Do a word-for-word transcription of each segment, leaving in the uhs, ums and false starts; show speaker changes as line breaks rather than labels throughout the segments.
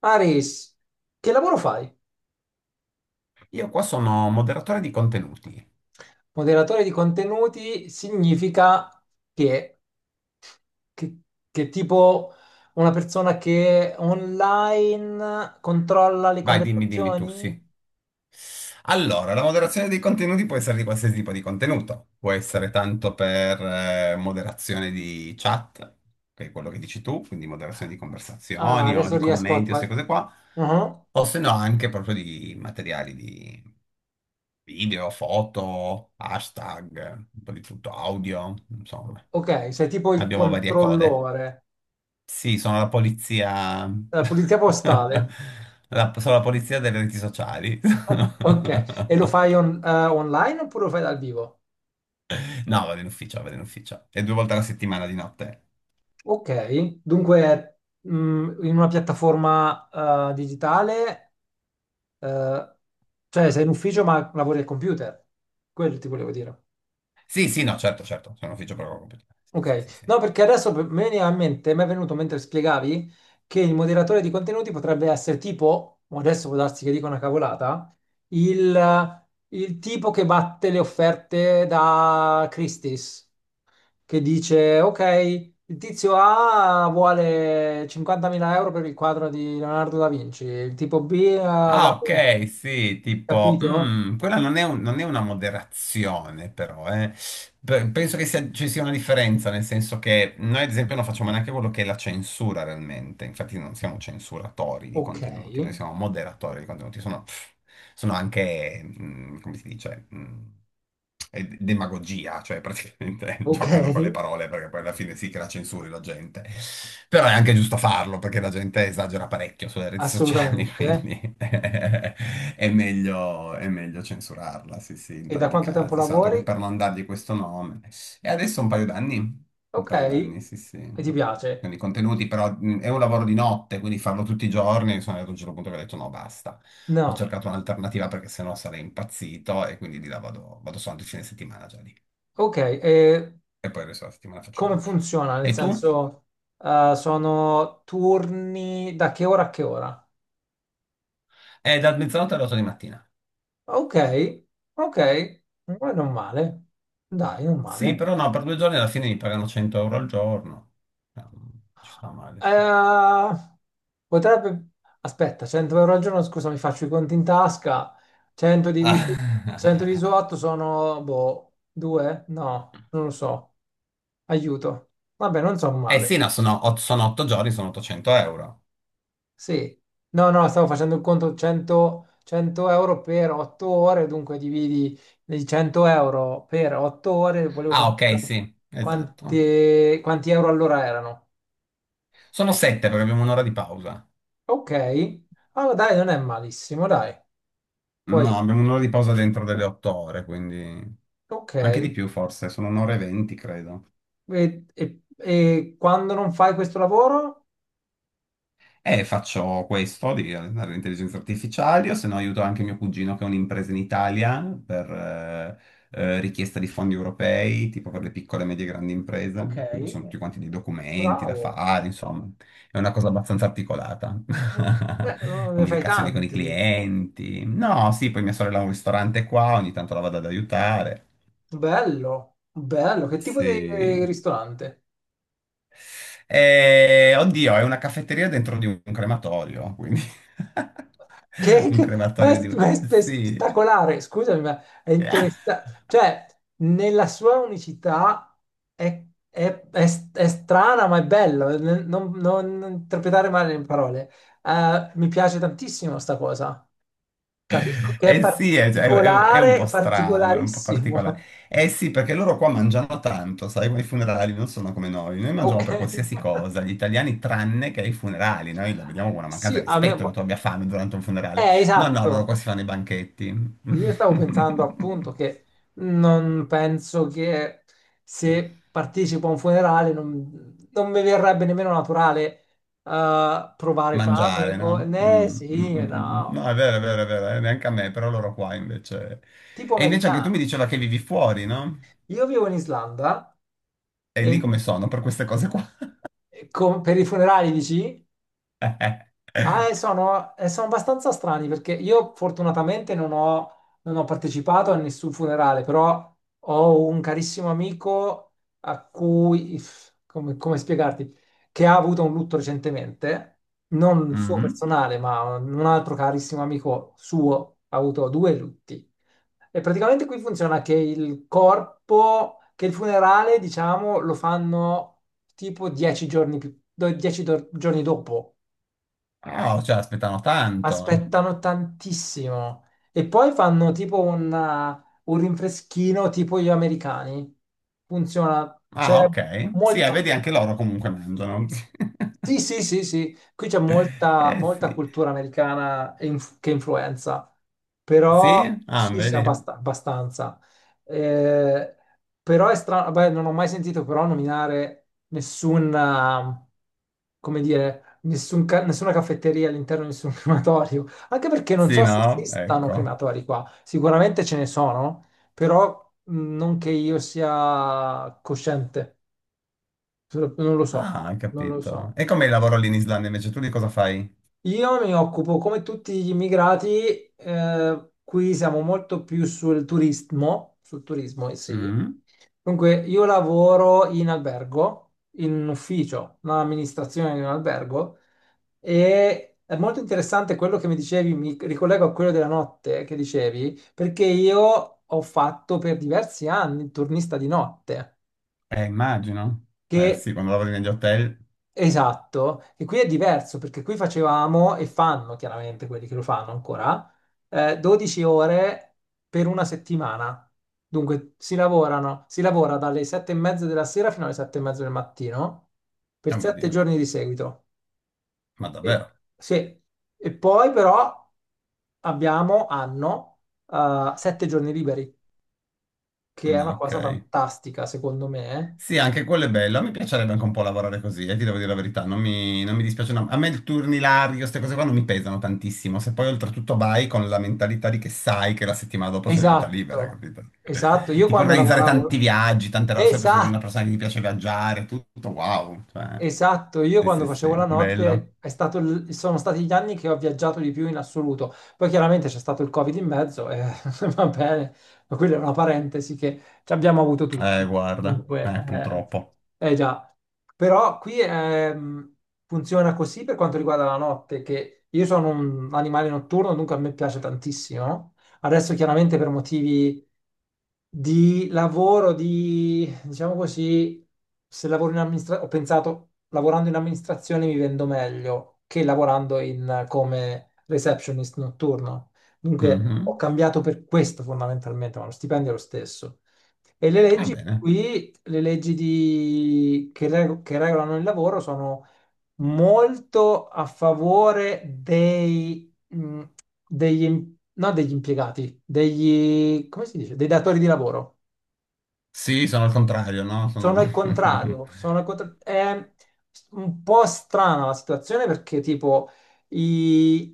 Aris, che lavoro fai?
Io qua sono moderatore di contenuti.
Moderatore di contenuti significa che, che, che tipo una persona che online controlla le
Vai, dimmi, dimmi tu, sì.
conversazioni?
Allora, la moderazione dei contenuti può essere di qualsiasi tipo di contenuto. Può essere tanto per eh, moderazione di chat, che è quello che dici tu, quindi moderazione di
Ah,
conversazioni o
adesso
di
riesco a...
commenti o queste
qual-
cose qua,
Mhm.
o se no anche proprio di materiali di video, foto, hashtag, un po' di tutto, audio, insomma.
Ok, sei tipo il
Abbiamo varie code.
controllore,
Sì, sono la polizia.
la pulizia postale.
La, sono la polizia delle reti sociali.
Ok, e lo fai on- eh, online oppure lo fai dal vivo?
No, vado in ufficio, vado in ufficio. E due volte alla settimana di notte.
Ok, dunque mh, in una piattaforma eh, digitale. Eh, cioè, sei in ufficio ma lavori al computer. Quello ti volevo dire.
Sì, sì, no, certo, certo. Sono in ufficio proprio computer. Sì, sì, sì,
Ok.
sì.
No, perché adesso per- me ne ha in mente, mi è venuto mentre spiegavi che il moderatore di contenuti potrebbe essere tipo, o adesso può darsi che dica una cavolata, il, il tipo che batte le offerte da Christie's, che dice, ok, il tizio A vuole cinquantamila euro per il quadro di Leonardo da Vinci, il tipo B ha
Ah,
dato...
ok, sì, tipo,
Capito?
mm, quella non è, un- non è una moderazione, però, eh. Pe- Penso che sia- ci sia una differenza, nel senso che noi, ad esempio, non facciamo neanche quello che è la censura realmente, infatti non siamo censuratori di
Ok.
contenuti, noi siamo moderatori di contenuti, sono, pff, sono anche, mm, come si dice, mm, eh, demagogia, cioè praticamente
Ok,
giocano con le parole perché poi alla fine sì che la censuri la gente. Però è anche giusto farlo perché la gente esagera parecchio sulle reti sociali,
assolutamente.
quindi è meglio, è meglio censurarla, sì sì, in
E da
tanti
quanto tempo
casi, soltanto
lavori?
che per non dargli questo nome. E adesso un paio d'anni, un
Ok,
paio d'anni, sì
e ti
sì.
piace?
Quindi i contenuti, però mh, è un lavoro di notte, quindi farlo tutti i giorni, sono arrivato a un certo punto che ho detto no, basta, ho
No.
cercato un'alternativa perché sennò sarei impazzito e quindi di là vado, vado soltanto il fine settimana già lì.
Ok, e
E poi il resto della settimana faccio
come
altro.
funziona? Nel
E tu?
senso, eh, sono turni da che ora a che ora?
Eh, da mezzanotte alle otto di mattina.
Ok, ok. Ma non male. Dai, non
Sì, però
male.
no, per due giorni alla fine mi pagano cento euro al giorno. No, non ci sta male, sì.
Eh, Potrebbe... Aspetta, cento euro al giorno, scusa, mi faccio i conti in tasca. cento diviso, cento
Ah.
diviso otto sono, boh, due? No, non lo so. Aiuto. Vabbè, non so
Eh
male.
sì, no, sono, ot- sono otto giorni, sono ottocento euro.
Sì. No, no, stavo facendo il conto cento, cento euro per otto ore, dunque dividi i cento euro per otto ore, volevo
Ah, ok,
sapere
sì, esatto.
quanti, quanti euro all'ora erano.
Sono sette perché abbiamo un'ora di pausa.
Ok. Allora, dai, non è malissimo, dai. Poi
No, abbiamo un'ora di pausa dentro delle otto ore, quindi...
ok,
Anche di
e,
più forse, sono un'ora e venti, credo.
e- e quando non fai questo lavoro?
E faccio questo di allenare l'intelligenza artificiale, o se no aiuto anche mio cugino che ha un'impresa in Italia per eh, eh, richiesta di fondi europei, tipo per le piccole, medie e grandi
Ok,
imprese. Quindi ci sono tutti quanti dei documenti da
bravo.
fare, insomma, è una cosa abbastanza articolata.
Beh, oh, ne fai
Comunicazione con i
tanti.
clienti. No, sì, poi mia sorella ha un ristorante qua, ogni tanto la vado ad aiutare.
Bello, bello. Che tipo di
Sì.
ristorante?
Eh, oddio, è una caffetteria dentro di un crematorio, quindi
Che,
un
che- ma
crematorio di
è, ma
un...
è spe-
Sì.
spettacolare. Scusami, ma è interessante. Cioè, nella sua unicità è, è- è s- è strana, ma è bello. Non, non- non interpretare male le parole. Eh, mi piace tantissimo sta cosa. Capisco che è
Eh sì, è, è- è- è un po'
particolare,
strano, è un po' particolare.
particolarissimo.
Eh sì, perché loro qua mangiano tanto, sai, ma i funerali non sono come noi. Noi mangiamo
Ok.
per qualsiasi cosa, gli italiani tranne che ai funerali. Noi la vediamo come una mancanza
Sì,
di
a me...
rispetto che tu abbia fame durante un funerale.
Eh,
No, no, loro qua
esatto.
si fanno i banchetti.
Io stavo pensando appunto che non penso che se partecipo a un funerale non, non mi verrebbe nemmeno naturale eh, provare fame.
Mangiare,
O...
no?
Eh
Mm, mm,
sì,
mm, mm. Mm. No,
no.
è vero, è vero, è vero, eh, neanche a me, però loro qua invece.
Tipo
E invece anche tu mi
americano.
diceva che vivi fuori, no?
Io vivo in Islanda
E lì
e,
come sono per queste cose qua?
e con- per i funerali dici? Ah, eh, sono, eh, sono abbastanza strani perché io fortunatamente non ho, non ho partecipato a nessun funerale, però ho un carissimo amico a cui, if- come, come spiegarti, che ha avuto un lutto recentemente, non il suo
Mm.
personale, ma un altro carissimo amico suo ha avuto due lutti. E praticamente qui funziona che il corpo, che il funerale, diciamo, lo fanno tipo dieci giorni più, do- dieci do- giorni dopo.
Oh, cioè, aspettano tanto.
Aspettano tantissimo e poi fanno tipo un, eh, un rinfreschino tipo gli americani. Funziona,
Ah,
c'è
ok. Sì, eh, vedi,
molto.
anche loro comunque mangiano.
Sì, sì, sì, sì, qui c'è molta,
Eh
molta
sì.
cultura americana e inf- che influenza, però
Sì? Ah,
sì, sì,
vedi?
abbast- abbastanza. Eh, però è strano, beh, non ho mai sentito però nominare nessun, eh, come dire, nessun ca- nessuna caffetteria all'interno di nessun crematorio, anche perché non
Sì,
so se
no?
esistano
Ecco.
crematori qua, sicuramente ce ne sono, però mh, non che io sia cosciente, non lo so,
Ah, hai
non lo
capito.
so.
E com'è il lavoro lì in Islanda invece? Tu di cosa fai?
Io mi occupo, come tutti gli immigrati, eh, qui siamo molto più sul turismo, sul turismo, eh sì.
Mm.
Dunque, io lavoro in albergo, in un ufficio, un'amministrazione di un albergo, e è molto interessante quello che mi dicevi, mi ricollego a quello della notte che dicevi, perché io ho fatto per diversi anni il turnista di notte,
Eh, immagino. Eh
che
sì, quando lavori negli hotel.
esatto, e qui è diverso perché qui facevamo e fanno chiaramente quelli che lo fanno ancora eh, dodici ore per una settimana. Dunque si lavorano, si lavora dalle sette e mezza della sera fino alle sette e mezza del mattino
Oh
per
mio
sette
Dio,
giorni di seguito.
ma
E,
davvero?
sì. E poi però abbiamo, hanno sette giorni liberi, che è
Ah,
una
ok.
cosa fantastica secondo me.
Sì, anche quello è bello. A me piacerebbe anche un po' lavorare così, eh, ti devo dire la verità. Non mi, non mi dispiace, no. A me il turnilario, queste cose qua non mi pesano tantissimo. Se poi oltretutto vai con la mentalità di che sai che la settimana dopo c'è tutta libera,
Esatto,
capito?
esatto. Io
Tipo
quando
organizzare tanti
lavoravo...
viaggi, tante cose. Sempre se sei una
Esatto.
persona che ti piace viaggiare, tutto wow. Cioè,
Esatto, io
sì,
quando
sì,
facevo
sì,
la
bello.
notte è stato il- sono stati gli anni che ho viaggiato di più in assoluto. Poi chiaramente c'è stato il Covid in mezzo e va bene, ma quella è una parentesi che ci abbiamo avuto
Eh,
tutti.
guarda,
Dunque,
eh, purtroppo.
eh, eh già, però qui ehm, funziona così per quanto riguarda la notte, che io sono un animale notturno, dunque a me piace tantissimo. Adesso chiaramente per motivi di lavoro, di diciamo così, se lavoro in amministrazione, ho pensato, lavorando in amministrazione mi vendo meglio che lavorando in- come receptionist notturno. Dunque ho
Mhm.
cambiato per questo fondamentalmente, ma lo stipendio è lo stesso. E le
Va
leggi
bene.
qui, le leggi di- che, reg- che regolano il lavoro sono molto a favore dei, mh, degli, im- no, degli impiegati, degli, come si dice, dei datori di lavoro.
Sì, sono al contrario, no?
Sono
Sono...
al contrario, sono al contra- è un po' strana la situazione perché tipo i,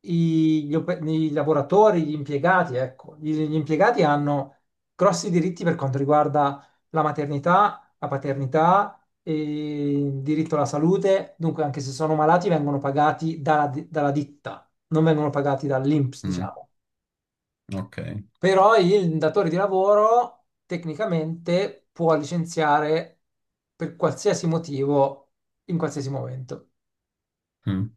i- gli, ope- i lavoratori, gli impiegati, ecco, gli, gli impiegati hanno grossi diritti per quanto riguarda la maternità, la paternità, e il diritto alla salute, dunque anche se sono malati vengono pagati dalla, di- dalla ditta, non vengono pagati dall'I N P S,
Mm.
diciamo.
Ok.
Però il datore di lavoro tecnicamente può licenziare per qualsiasi motivo in qualsiasi momento.
Mm.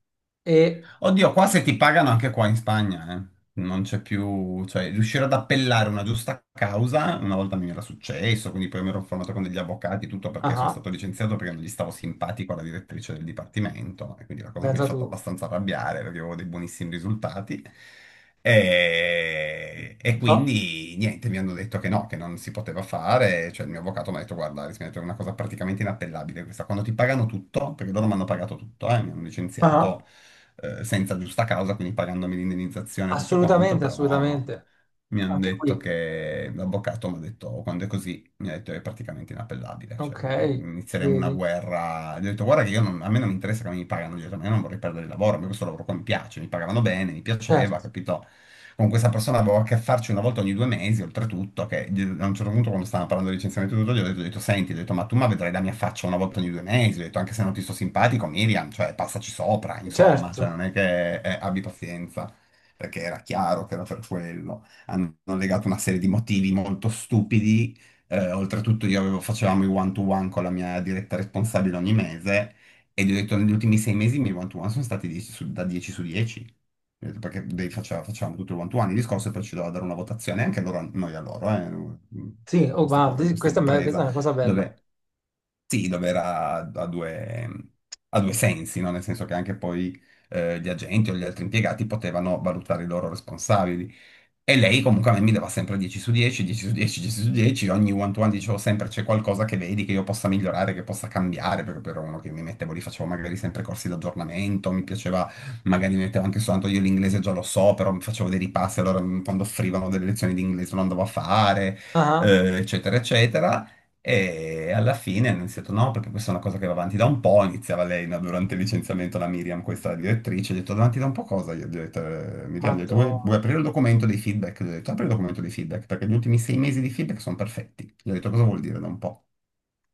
E,
Oddio, qua se ti pagano anche qua in Spagna, eh. Non c'è più, cioè, riuscire ad appellare una giusta causa, una volta mi era successo, quindi poi mi ero informato con degli avvocati, tutto perché sono
ah,
stato licenziato perché non gli stavo simpatico alla direttrice del dipartimento, e quindi la cosa mi ha
pensa
fatto
tu,
abbastanza arrabbiare perché avevo dei buonissimi risultati. E, e
no,
quindi niente, mi hanno detto che no, che non si poteva fare. Cioè, il mio avvocato mi ha detto: "Guarda, Alice", mi ha detto, "è una cosa praticamente inappellabile questa". Quando ti pagano tutto, perché loro mi hanno pagato tutto, eh, mi hanno
ah,
licenziato eh, senza giusta causa, quindi pagandomi l'indennizzazione e tutto quanto,
assolutamente,
però
assolutamente,
mi hanno
anche
detto
qui,
che l'avvocato mi ha detto: "Quando è così", mi ha detto, "è praticamente inappellabile, cioè
ok,
mm, mm, inizieremo una
vedi,
guerra". Gli ho detto guarda che io non- a me non mi interessa come mi pagano, gli ho detto ma io non vorrei perdere il lavoro, a me questo lavoro qua mi piace, mi pagavano bene, mi piaceva,
certo,
capito? Con questa persona avevo a che farci una volta ogni due mesi, oltretutto, che gli- a un certo punto quando stavano parlando di licenziamento e tutto, gli ho detto, gli ho detto, senti, gli ho detto, ma tu ma vedrai la mia faccia una volta ogni due mesi, gli ho detto, anche se non ti sto simpatico, Miriam, cioè passaci sopra, insomma, cioè non
certo,
è che eh, abbi pazienza, perché era chiaro che era per quello hanno legato una serie di motivi molto stupidi eh, oltretutto io avevo- facevamo i one-to-one con la mia diretta responsabile ogni mese e gli ho detto negli ultimi sei mesi i miei one-to-one sono stati dieci su- da dieci su dieci. Ho detto: "Perché dei- faceva- facevamo tutto il one-to-one, il discorso, e poi ci doveva dare una votazione, anche loro, noi a loro", eh,
sì,
ho
oh,
questa
ma
cosa in
di-
questa
questa, è me- questa è
impresa
una cosa bella,
dove sì, dove era a due, a due sensi, no? Nel senso che anche poi eh, gli agenti o gli altri impiegati potevano valutare i loro responsabili. E lei comunque a me mi dava sempre dieci su dieci, dieci su dieci, dieci su dieci, ogni one-to-one dicevo sempre c'è qualcosa che vedi che io possa migliorare, che possa cambiare, perché ero uno che mi mettevo lì, facevo magari sempre corsi di aggiornamento, mi piaceva, magari mi mettevo anche soltanto, io l'inglese già lo so, però mi facevo dei ripassi, allora mm, quando offrivano delle lezioni di inglese lo andavo a fare,
ah,
eh, eccetera, eccetera. E alla fine hanno iniziato, no, perché questa è una cosa che va avanti da un po', iniziava lei, no, durante il licenziamento, la Miriam, questa direttrice, ha detto: "Avanti da un po' cosa?". Io gli ho detto, eh, Miriam, gli ho detto: vuoi, vuoi
madonna,
aprire il documento dei feedback?". Gli ho detto: "Apri il documento dei feedback, perché gli ultimi sei mesi di feedback sono perfetti". Gli ho detto: "Cosa vuol dire da un po'?".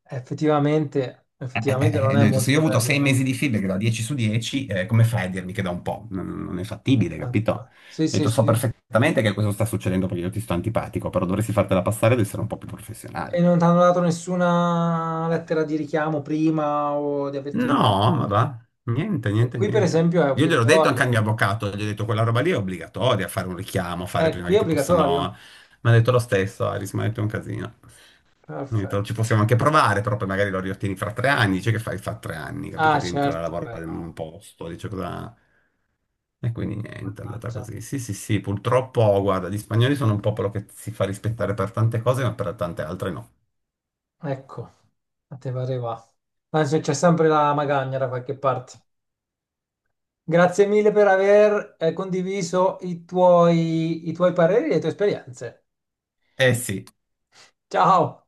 effettivamente,
Eh, eh,
effettivamente
eh,
non
eh, gli
è
ho detto: "Se io
molto
ho avuto sei
carina,
mesi di feedback da dieci su dieci, eh, come fai a dirmi che da un po'?". Non, non è fattibile, capito?
esatto. Sì,
Gli Ho
sì,
detto: "So
sì.
perfettamente che questo sta succedendo perché io ti sto antipatico, però dovresti fartela passare ad essere un po' più
E
professionale".
non ti hanno dato nessuna
Eh,
lettera di richiamo prima o di avvertimento.
No, ma va, niente,
E
niente,
qui, per
niente.
esempio, è
Io gliel'ho detto anche al
obbligatorio.
mio avvocato, gli ho detto quella roba lì è obbligatoria, fare un richiamo, fare
Eh,
prima
qui
che
è
ti possano...
obbligatorio.
Mi ha detto lo stesso, Aris, mi ha detto è un casino. Mi ha
Perfetto.
detto: "Ci possiamo anche provare, però poi magari lo riottieni fra tre anni, dice che fai fra tre anni, capito?
Ah,
Rientrare a
certo, beh,
lavorare in un
no.
posto, dice cosa...". E quindi niente, è andata
Mannaggia.
così. Sì, sì, sì, purtroppo, guarda, gli spagnoli sono un popolo che si fa rispettare per tante cose, ma per tante altre no.
Ecco, a te pare va. Ma c'è c'è sempre la magagna da qualche parte. Grazie mille per aver eh, condiviso i tuoi, i tuoi pareri e le tue esperienze.
Eh sì.
Ciao!